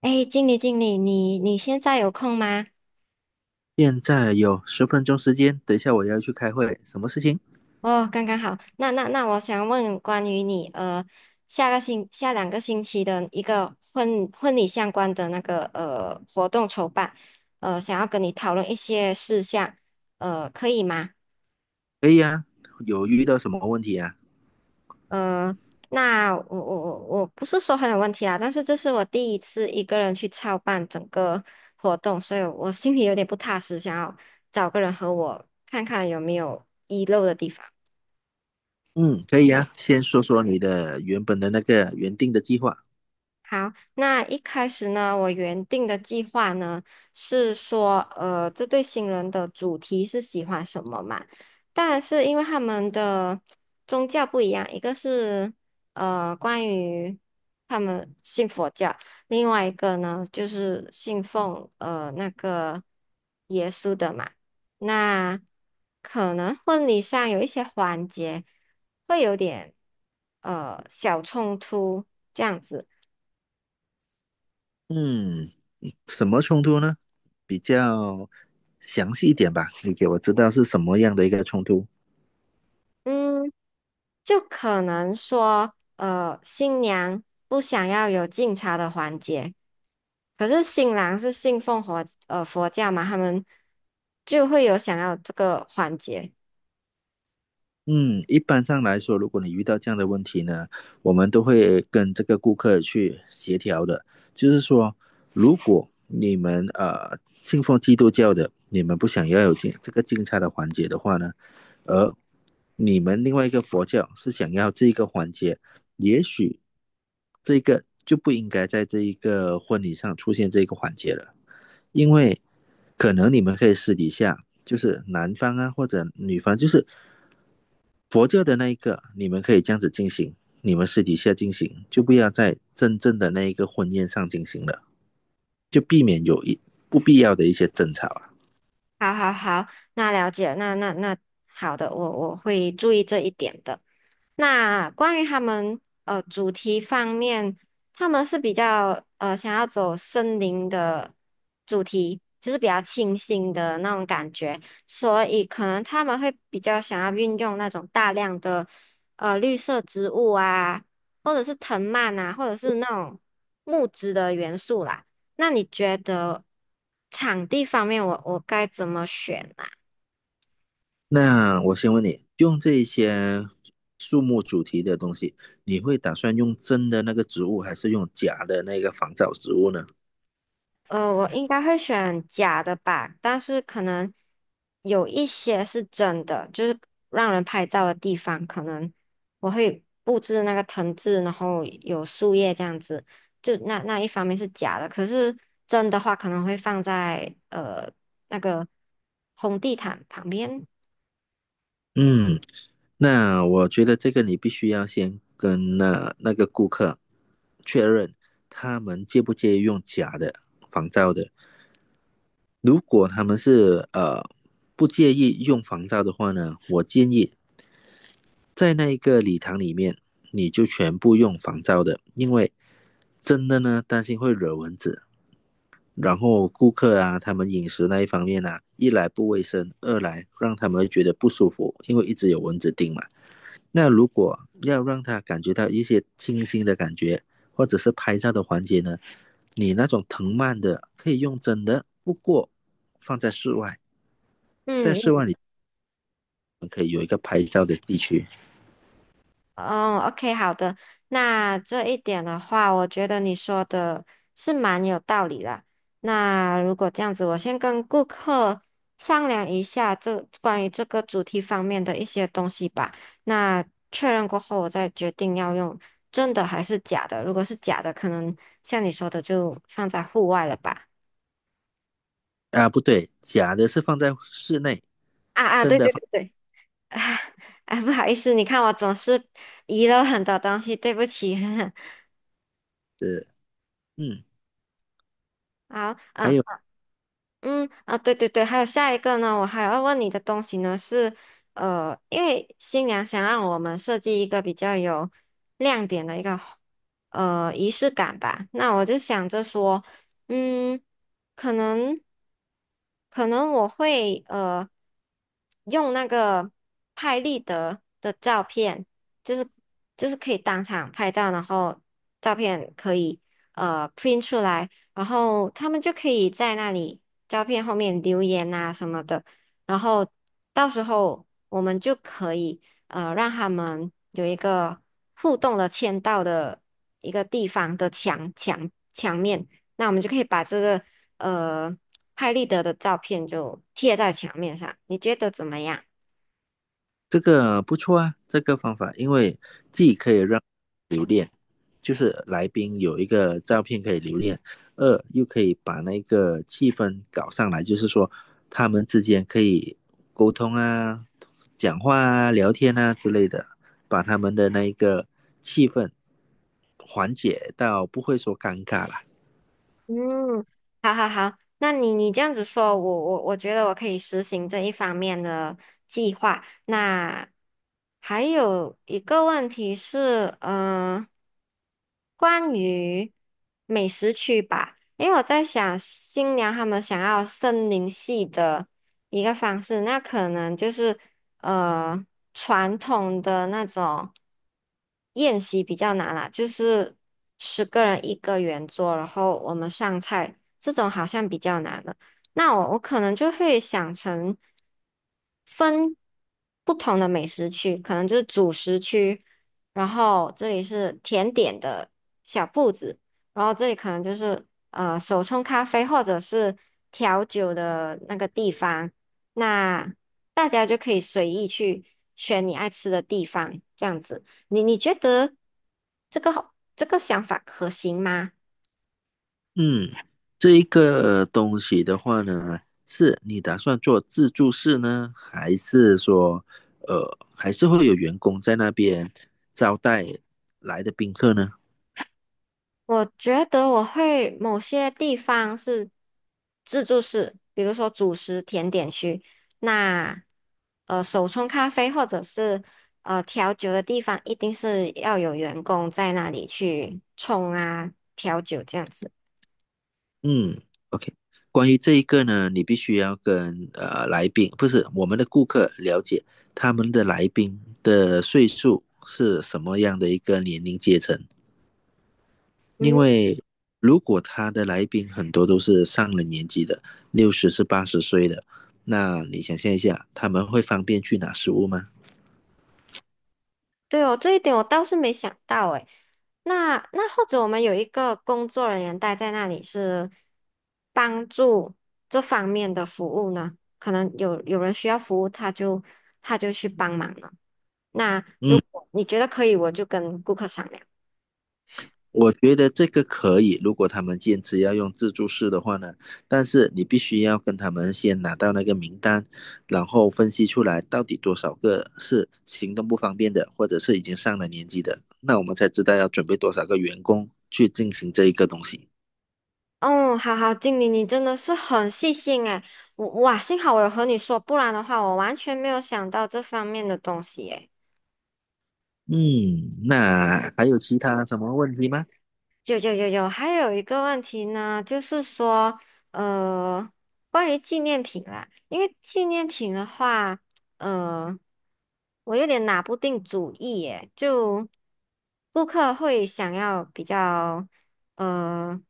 哎，经理，经理，你现在有空吗？现在有10分钟时间，等一下我要去开会，什么事情？哦，刚刚好。那，我想问关于你,下个两个星期的一个婚礼相关的那个活动筹办，想要跟你讨论一些事项，可以吗？可以啊，有遇到什么问题啊？呃，那我不是说很有问题啦，但是这是我第一次一个人去操办整个活动，所以我心里有点不踏实，想要找个人和我看看有没有遗漏的地方。嗯，可以啊，先说说你的原本的那个原定的计划。好，那一开始呢，我原定的计划呢是说，这对新人的主题是喜欢什么嘛？但是因为他们的宗教不一样，一个是关于他们信佛教，另外一个呢就是信奉那个耶稣的嘛。那可能婚礼上有一些环节会有点小冲突这样子。嗯，什么冲突呢？比较详细一点吧，你给我知道是什么样的一个冲突。嗯，就可能说，新娘不想要有敬茶的环节，可是新郎是信奉佛教嘛，他们就会有想要这个环节。嗯，一般上来说，如果你遇到这样的问题呢，我们都会跟这个顾客去协调的。就是说，如果你们信奉基督教的，你们不想要有敬这个敬茶的环节的话呢，而你们另外一个佛教是想要这个环节，也许这个就不应该在这一个婚礼上出现这个环节了，因为可能你们可以私底下，就是男方啊或者女方，就是佛教的那一个，你们可以这样子进行，你们私底下进行，就不要在真正的那一个婚宴上进行了，就避免有不必要的一些争吵啊。好好好，那了解，那好的，我会注意这一点的。那关于他们主题方面，他们是比较想要走森林的主题，就是比较清新的那种感觉，所以可能他们会比较想要运用那种大量的绿色植物啊，或者是藤蔓啊，或者是那种木质的元素啦。那你觉得场地方面我，我该怎么选啊？那我先问你，用这些树木主题的东西，你会打算用真的那个植物，还是用假的那个仿造植物呢？呃，我应该会选假的吧，但是可能有一些是真的，就是让人拍照的地方，可能我会布置那个藤制，然后有树叶这样子，就那一方面是假的，可是真的话可能会放在那个红地毯旁边。嗯，那我觉得这个你必须要先跟那个顾客确认，他们介不介意用假的仿造的。如果他们是不介意用防罩的话呢，我建议在那一个礼堂里面，你就全部用防罩的，因为真的呢担心会惹蚊子，然后顾客啊他们饮食那一方面啊，一来不卫生，二来让他们觉得不舒服，因为一直有蚊子叮嘛。那如果要让他感觉到一些清新的感觉，或者是拍照的环节呢，你那种藤蔓的可以用真的，不过放在室外。在室嗯，外里可以有一个拍照的地区哦，OK，好的。那这一点的话，我觉得你说的是蛮有道理的。那如果这样子，我先跟顾客商量一下这关于这个主题方面的一些东西吧。那确认过后，我再决定要用真的还是假的。如果是假的，可能像你说的，就放在户外了吧。啊，不对，假的是放在室内。啊啊，对对对对，啊啊，不好意思，你看我总是遗漏很多东西，对不起。呃，嗯，好，还嗯，有嗯啊，对对对，还有下一个呢，我还要问你的东西呢是，因为新娘想让我们设计一个比较有亮点的一个仪式感吧，那我就想着说，嗯，可能可能我会用那个拍立得的照片，就是就是可以当场拍照，然后照片可以print 出来，然后他们就可以在那里。照片后面留言啊什么的，然后到时候我们就可以让他们有一个互动的签到的一个地方的墙面，那我们就可以把这个呃拍立得的照片就贴在墙面上，你觉得怎么样？这个不错啊，这个方法，因为既可以让留恋，就是来宾有一个照片可以留恋，二又可以把那个气氛搞上来，就是说他们之间可以沟通啊、讲话啊、聊天啊之类的，把他们的那个气氛缓解到不会说尴尬了。嗯，好好好，那你你这样子说，我觉得我可以实行这一方面的计划。那还有一个问题是，嗯、关于美食区吧，因为我在想新娘她们想要森林系的一个方式，那可能就是呃传统的那种。宴席比较难啦，就是10个人一个圆桌，然后我们上菜，这种好像比较难了。那我可能就会想成分不同的美食区，可能就是主食区，然后这里是甜点的小铺子，然后这里可能就是手冲咖啡或者是调酒的那个地方，那大家就可以随意去选你爱吃的地方，这样子。你你觉得这个想法可行吗？嗯，这一个东西的话呢，是你打算做自助式呢，还是会有员工在那边招待来的宾客呢？我觉得我会某些地方是自助式，比如说主食甜点区，那手冲咖啡或者是调酒的地方，一定是要有员工在那里去冲啊调酒这样子。嗯，OK。关于这一个呢，你必须要跟来宾，不是我们的顾客了解他们的来宾的岁数是什么样的一个年龄阶层。因嗯。为如果他的来宾很多都是上了年纪的，60是80岁的，那你想象一下，他们会方便去拿食物吗？对哦，这一点我倒是没想到诶。那那或者我们有一个工作人员待在那里是帮助这方面的服务呢？可能有人需要服务，他就去帮忙了。那如嗯，果你觉得可以，我就跟顾客商量。我觉得这个可以，如果他们坚持要用自助式的话呢，但是你必须要跟他们先拿到那个名单，然后分析出来到底多少个是行动不方便的，或者是已经上了年纪的，那我们才知道要准备多少个员工去进行这一个东西。哦，好好，经理，你真的是很细心诶。我哇，幸好我有和你说，不然的话，我完全没有想到这方面的东西诶。嗯，那还有其他什么问题吗？有有有有，还有一个问题呢，就是说，呃，关于纪念品啦，因为纪念品的话，呃，我有点拿不定主意耶，就顾客会想要比较，呃。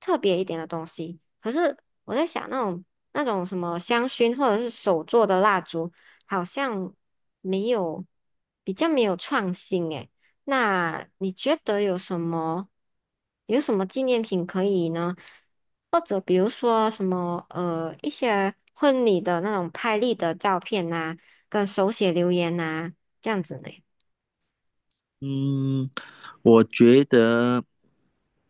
特别一点的东西。可是我在想，那种什么香薰或者是手做的蜡烛，好像没有比较没有创新诶。那你觉得有什么纪念品可以呢？或者比如说什么一些婚礼的那种拍立的照片呐、跟手写留言呐、这样子呢？嗯，我觉得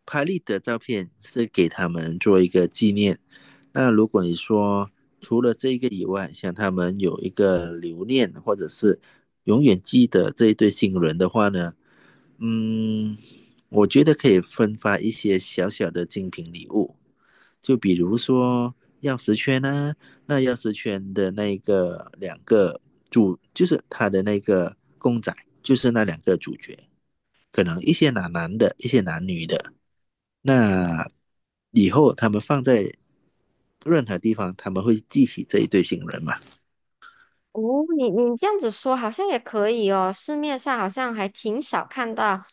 拍立得照片是给他们做一个纪念。那如果你说除了这个以外，想他们有一个留念，或者是永远记得这一对新人的话呢，嗯，我觉得可以分发一些小小的精品礼物，就比如说钥匙圈呢、那钥匙圈的那个两个主，就是他的那个公仔，就是那两个主角，可能一些男男的，一些男女的。那以后他们放在任何地方，他们会记起这一对新人嘛？哦，你你这样子说好像也可以哦，市面上好像还挺少看到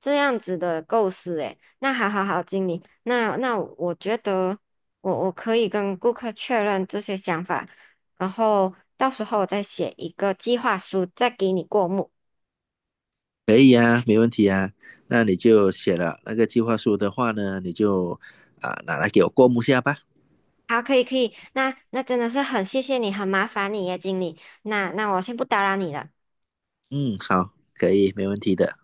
这样子的构思诶。那好好好，经理，那那我觉得我可以跟顾客确认这些想法，然后到时候我再写一个计划书，再给你过目。可以啊，没问题啊。那你就写了那个计划书的话呢，你就拿来给我过目下吧。好，可以可以，那那真的是很谢谢你，很麻烦你耶，经理。那那我先不打扰你了。嗯，好，可以，没问题的。